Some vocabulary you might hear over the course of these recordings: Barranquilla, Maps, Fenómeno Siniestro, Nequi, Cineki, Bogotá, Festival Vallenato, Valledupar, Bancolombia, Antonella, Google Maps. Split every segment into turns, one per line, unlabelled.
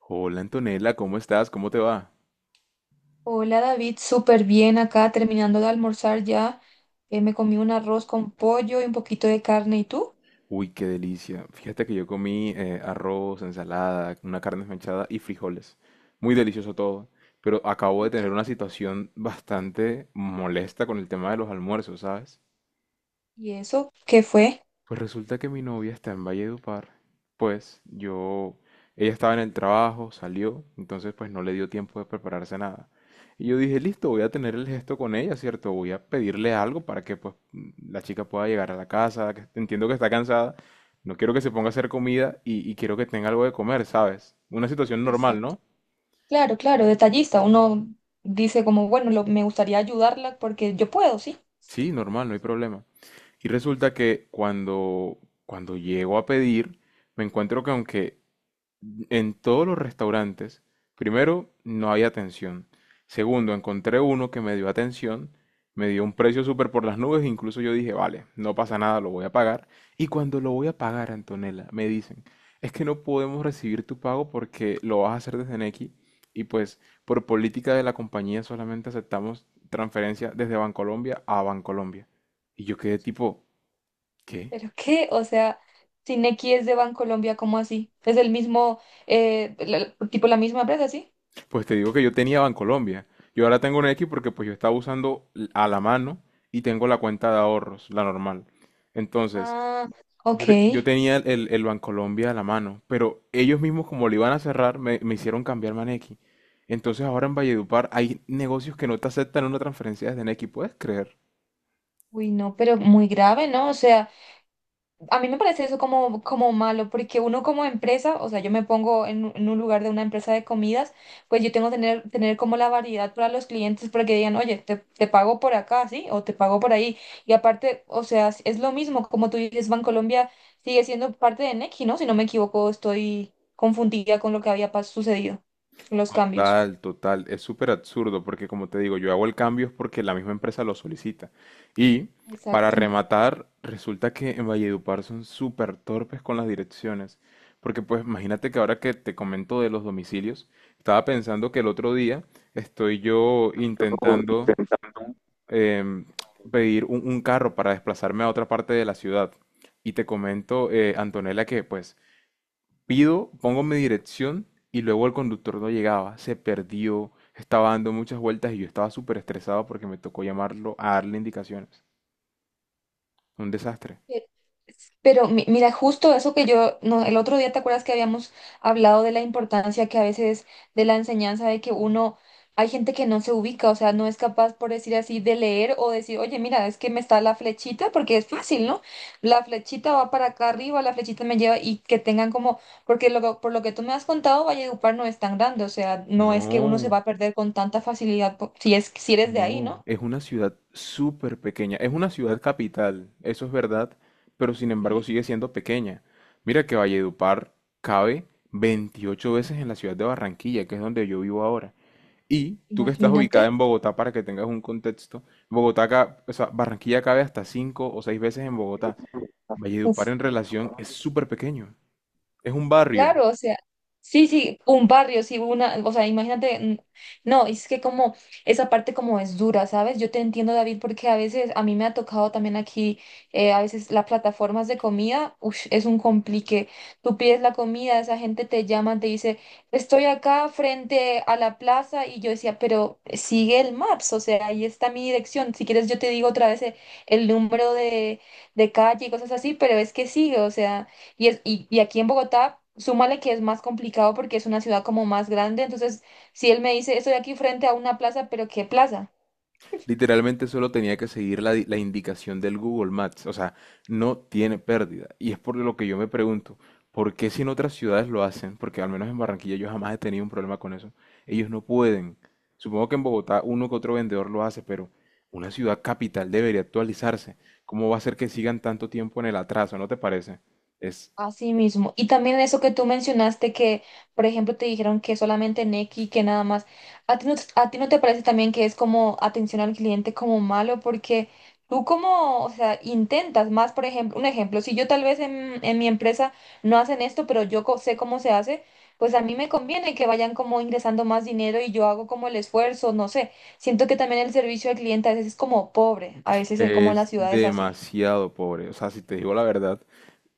Hola Antonella, ¿cómo estás? ¿Cómo te va?
Hola David, súper bien acá, terminando de almorzar ya. Me comí un arroz con pollo y un poquito de carne. ¿Y tú?
Uy, qué delicia. Fíjate que yo comí arroz, ensalada, una carne esmechada y frijoles. Muy delicioso todo. Pero acabo de
Ok.
tener una situación bastante molesta con el tema de los almuerzos, ¿sabes?
¿Y eso qué fue?
Pues resulta que mi novia está en Valledupar. Pues yo, ella estaba en el trabajo, salió, entonces pues no le dio tiempo de prepararse nada. Y yo dije, listo, voy a tener el gesto con ella, ¿cierto? Voy a pedirle algo para que pues la chica pueda llegar a la casa, que entiendo que está cansada, no quiero que se ponga a hacer comida y quiero que tenga algo de comer, ¿sabes? Una situación normal,
Exacto.
¿no?
Claro, claro, detallista. Uno dice como, bueno, me gustaría ayudarla porque yo puedo, sí.
Sí, normal, no hay problema. Y resulta que cuando, cuando llego a pedir, me encuentro que aunque en todos los restaurantes, primero, no había atención. Segundo, encontré uno que me dio atención, me dio un precio súper por las nubes, incluso yo dije, vale, no pasa nada, lo voy a pagar. Y cuando lo voy a pagar, Antonella, me dicen, es que no podemos recibir tu pago porque lo vas a hacer desde Nequi y pues por política de la compañía solamente aceptamos transferencia desde Bancolombia a Bancolombia. Y yo quedé tipo, ¿qué?
¿Pero qué? O sea, Cineki es de Bancolombia, ¿cómo así? Es el mismo, tipo la misma empresa, ¿sí?
Pues te digo que yo tenía Bancolombia. Yo ahora tengo un X porque pues yo estaba usando a la mano y tengo la cuenta de ahorros, la normal. Entonces,
Ah, ok.
yo tenía el Bancolombia a la mano, pero ellos mismos como lo iban a cerrar, me hicieron cambiarme a Nequi. Entonces ahora en Valledupar hay negocios que no te aceptan una transferencia desde Nequi, ¿puedes creer?
Uy, no, pero muy grave, ¿no? O sea... A mí me parece eso como, como malo, porque uno como empresa, o sea, yo me pongo en un lugar de una empresa de comidas, pues yo tengo que tener, tener como la variedad para los clientes para que digan, oye, te pago por acá, ¿sí? O te pago por ahí. Y aparte, o sea, es lo mismo, como tú dices, Bancolombia sigue siendo parte de Nequi, ¿no? Si no me equivoco, estoy confundida con lo que había sucedido, los cambios.
Total, total. Es súper absurdo porque como te digo, yo hago el cambio es porque la misma empresa lo solicita. Y para
Exacto.
rematar, resulta que en Valledupar son súper torpes con las direcciones. Porque pues imagínate que ahora que te comento de los domicilios, estaba pensando que el otro día estoy yo intentando em, pedir un carro para desplazarme a otra parte de la ciudad. Y te comento, Antonella, que pues pido, pongo mi dirección y luego el conductor no llegaba, se perdió, estaba dando muchas vueltas y yo estaba súper estresado porque me tocó llamarlo a darle indicaciones. Un desastre.
Pero mira, justo eso que yo, no, el otro día, ¿te acuerdas que habíamos hablado de la importancia que a veces de la enseñanza de que uno, hay gente que no se ubica, o sea, no es capaz, por decir así, de leer o decir, oye, mira, es que me está la flechita, porque es fácil, ¿no? La flechita va para acá arriba, la flechita me lleva y que tengan como, porque por lo que tú me has contado, Valledupar no es tan grande, o sea, no es que uno se va
No,
a perder con tanta facilidad, si es, si eres de ahí,
no,
¿no?
es una ciudad súper pequeña, es una ciudad capital, eso es verdad, pero sin embargo
Sí.
sigue siendo pequeña. Mira que Valledupar cabe 28 veces en la ciudad de Barranquilla, que es donde yo vivo ahora. Y tú que estás
Imagínate.
ubicada en Bogotá, para que tengas un contexto, o sea, Barranquilla cabe hasta cinco o seis veces en Bogotá. Valledupar
Uf.
en relación es súper pequeño, es un barrio.
Claro, o sea, sí, sí, un barrio, sí, una, o sea, imagínate, no, es que como esa parte como es dura, ¿sabes? Yo te entiendo, David, porque a veces a mí me ha tocado también aquí, a veces las plataformas de comida, ush, es un complique. Tú pides la comida, esa gente te llama, te dice, estoy acá frente a la plaza, y yo decía, pero sigue el Maps, o sea, ahí está mi dirección. Si quieres, yo te digo otra vez el número de calle y cosas así, pero es que sigue, o sea. Y aquí en Bogotá, súmale que es más complicado porque es una ciudad como más grande. Entonces, si él me dice, estoy aquí frente a una plaza, pero ¿qué plaza?
Literalmente solo tenía que seguir la indicación del Google Maps, o sea, no tiene pérdida. Y es por lo que yo me pregunto, ¿por qué si en otras ciudades lo hacen? Porque al menos en Barranquilla yo jamás he tenido un problema con eso. Ellos no pueden. Supongo que en Bogotá uno que otro vendedor lo hace, pero una ciudad capital debería actualizarse. ¿Cómo va a ser que sigan tanto tiempo en el atraso? ¿No te parece? Es,
Así mismo. Y también eso que tú mencionaste que, por ejemplo, te dijeron que solamente Nequi, que nada más. ¿A ti no te parece también que es como atención al cliente como malo? Porque tú como, o sea, intentas más, por ejemplo, un ejemplo, si yo tal vez en mi empresa no hacen esto, pero yo sé cómo se hace, pues a mí me conviene que vayan como ingresando más dinero y yo hago como el esfuerzo, no sé. Siento que también el servicio al cliente a veces es como pobre, a veces es como en las
es
ciudades así.
demasiado pobre. O sea, si te digo la verdad,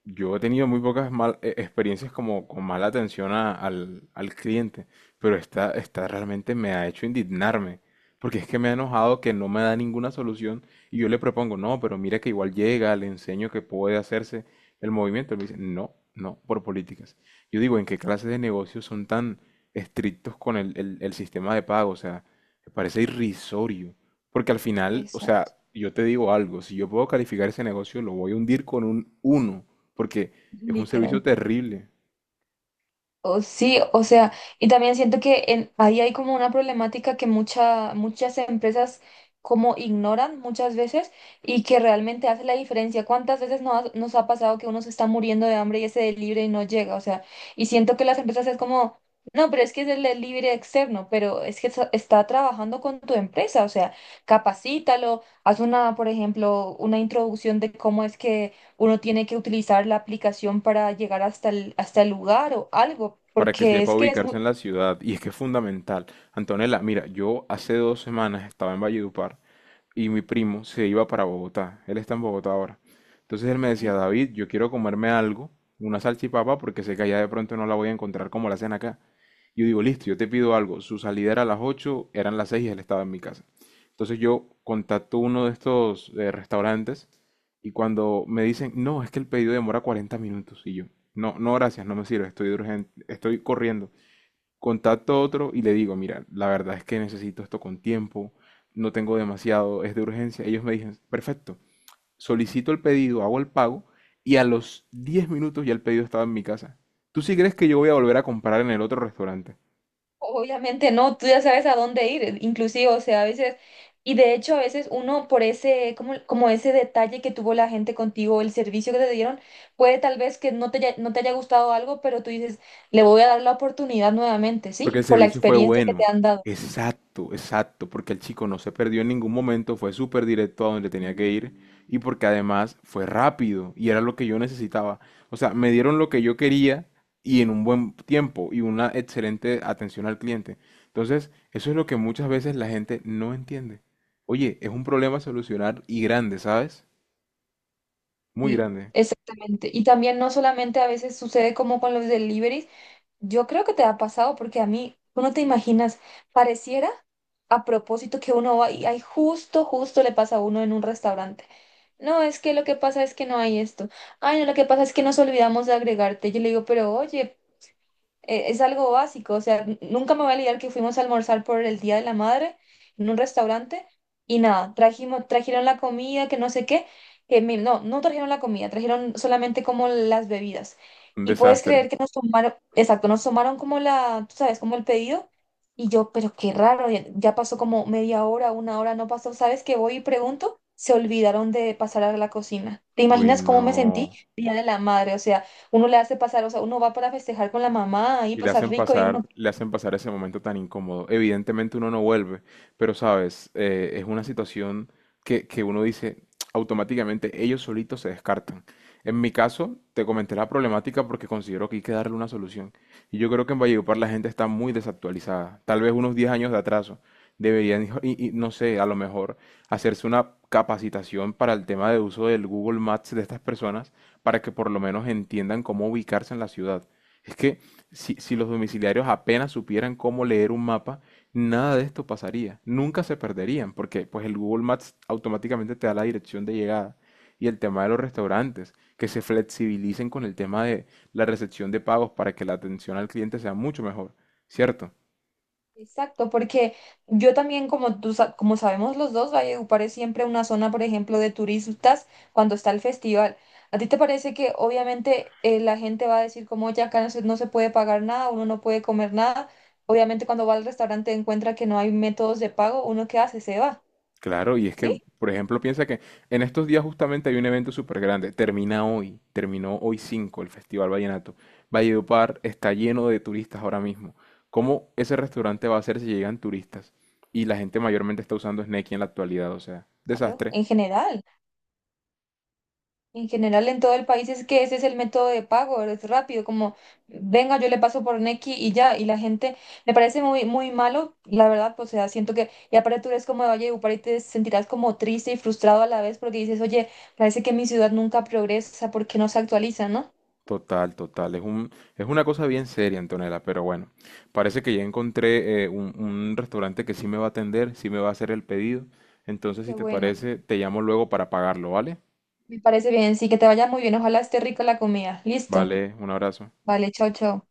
yo he tenido muy pocas experiencias como con mala atención al cliente, pero esta realmente me ha hecho indignarme, porque es que me ha enojado que no me da ninguna solución y yo le propongo, no, pero mira que igual llega, le enseño que puede hacerse el movimiento, él me dice, no, no, por políticas. Yo digo, ¿en qué clase de negocios son tan estrictos con el sistema de pago? O sea, me parece irrisorio, porque al final, o
Eso,
sea, yo te digo algo, si yo puedo calificar ese negocio, lo voy a hundir con un 1 porque es un servicio
literal.
terrible.
O sí, o sea, y también siento que ahí hay como una problemática que muchas empresas como ignoran muchas veces y que realmente hace la diferencia. ¿Cuántas veces no nos ha pasado que uno se está muriendo de hambre y ese delivery no llega? O sea, y siento que las empresas es como, no, pero es que es el delivery externo, pero es que está trabajando con tu empresa, o sea, capacítalo, haz una, por ejemplo, una introducción de cómo es que uno tiene que utilizar la aplicación para llegar hasta hasta el lugar o algo,
Para que
porque
sepa
es
Sí.
que es
ubicarse
muy...
en la ciudad y es que es fundamental. Antonella, mira, yo hace 2 semanas estaba en Valledupar y mi primo se iba para Bogotá. Él está en Bogotá ahora. Entonces él me decía,
Sí.
David, yo quiero comerme algo, una salchipapa, porque sé que allá de pronto no la voy a encontrar como la hacen acá. Yo digo, listo, yo te pido algo. Su salida era a las 8, eran las 6 y él estaba en mi casa. Entonces yo contacto uno de estos restaurantes y cuando me dicen, no, es que el pedido demora 40 minutos. Y yo, no, no, gracias, no me sirve, estoy urgente, estoy corriendo. Contacto a otro y le digo, mira, la verdad es que necesito esto con tiempo, no tengo demasiado, es de urgencia. Ellos me dicen, perfecto, solicito el pedido, hago el pago y a los 10 minutos ya el pedido estaba en mi casa. ¿Tú sí crees que yo voy a volver a comprar en el otro restaurante?
Obviamente no, tú ya sabes a dónde ir, inclusive, o sea, a veces, y de hecho a veces uno por ese, como, como ese detalle que tuvo la gente contigo, el servicio que te dieron, puede tal vez que no te haya gustado algo, pero tú dices, le voy a dar la oportunidad nuevamente,
Porque
¿sí?
el
Por la
servicio fue
experiencia que te
bueno.
han dado.
Exacto, exacto. Porque el chico no se perdió en ningún momento, fue súper directo a donde tenía que ir y porque además fue rápido y era lo que yo necesitaba. O sea, me dieron lo que yo quería y en un buen tiempo y una excelente atención al cliente. Entonces, eso es lo que muchas veces la gente no entiende. Oye, es un problema a solucionar y grande, ¿sabes? Muy
Sí,
grande.
exactamente. Y también no solamente a veces sucede como con los deliveries. Yo creo que te ha pasado porque a mí, tú no te imaginas, pareciera a propósito que uno va y ay, justo, justo le pasa a uno en un restaurante. No, es que lo que pasa es que no hay esto. Ay, no, lo que pasa es que nos olvidamos de agregarte. Yo le digo, pero oye, es algo básico, o sea, nunca me voy a olvidar que fuimos a almorzar por el Día de la Madre en un restaurante y nada, trajeron la comida, que no sé qué, que no trajeron la comida, trajeron solamente como las bebidas.
Un
Y puedes
desastre.
creer que nos tomaron, exacto, nos tomaron como la, tú sabes, como el pedido. Y yo, pero qué raro, ya, ya pasó como media hora, una hora, no pasó, ¿sabes qué? Voy y pregunto, se olvidaron de pasar a la cocina. ¿Te
Uy,
imaginas cómo me sentí?
no.
Día de la Madre, o sea uno le hace pasar, o sea, uno va para festejar con la mamá y
Y
pasar rico y uno...
le hacen pasar ese momento tan incómodo. Evidentemente uno no vuelve, pero sabes, eh, es una situación que uno dice automáticamente, ellos solitos se descartan. En mi caso, te comenté la problemática porque considero que hay que darle una solución. Y yo creo que en Valledupar la gente está muy desactualizada, tal vez unos 10 años de atraso. Y no sé, a lo mejor hacerse una capacitación para el tema de uso del Google Maps de estas personas para que por lo menos entiendan cómo ubicarse en la ciudad. Es que si, si los domiciliarios apenas supieran cómo leer un mapa, nada de esto pasaría. Nunca se perderían, porque pues el Google Maps automáticamente te da la dirección de llegada. Y el tema de los restaurantes, que se flexibilicen con el tema de la recepción de pagos para que la atención al cliente sea mucho mejor, ¿cierto?
Exacto, porque yo también, como tú, como sabemos los dos, Valledupar es siempre una zona, por ejemplo, de turistas cuando está el festival. ¿A ti te parece que obviamente la gente va a decir como ya acá no se puede pagar nada, uno no puede comer nada? Obviamente cuando va al restaurante encuentra que no hay métodos de pago, ¿uno qué hace? Se va,
Claro, y es que,
¿sí?
por ejemplo, piensa que en estos días justamente hay un evento súper grande. Termina hoy, terminó hoy 5 el Festival Vallenato. Valledupar está lleno de turistas ahora mismo. ¿Cómo ese restaurante va a ser si llegan turistas? Y la gente mayormente está usando Sneaky en la actualidad, o sea,
Claro,
desastre.
en general. En general, en todo el país es que ese es el método de pago, es rápido, como venga, yo le paso por Nequi y ya, y la gente me parece muy, muy malo, la verdad, pues, o sea, siento que, y aparte tú eres como de Valledupar y te sentirás como triste y frustrado a la vez porque dices, oye, parece que mi ciudad nunca progresa porque no se actualiza, ¿no?
Total, total. Es un, es una cosa bien seria, Antonella, pero bueno, parece que ya encontré un restaurante que sí me va a atender, sí me va a hacer el pedido. Entonces, si
Qué
te
bueno,
parece, te llamo luego para pagarlo, ¿vale?
me parece bien, sí, que te vaya muy bien, ojalá esté rica la comida, listo,
Vale, un abrazo.
vale, chao, chao.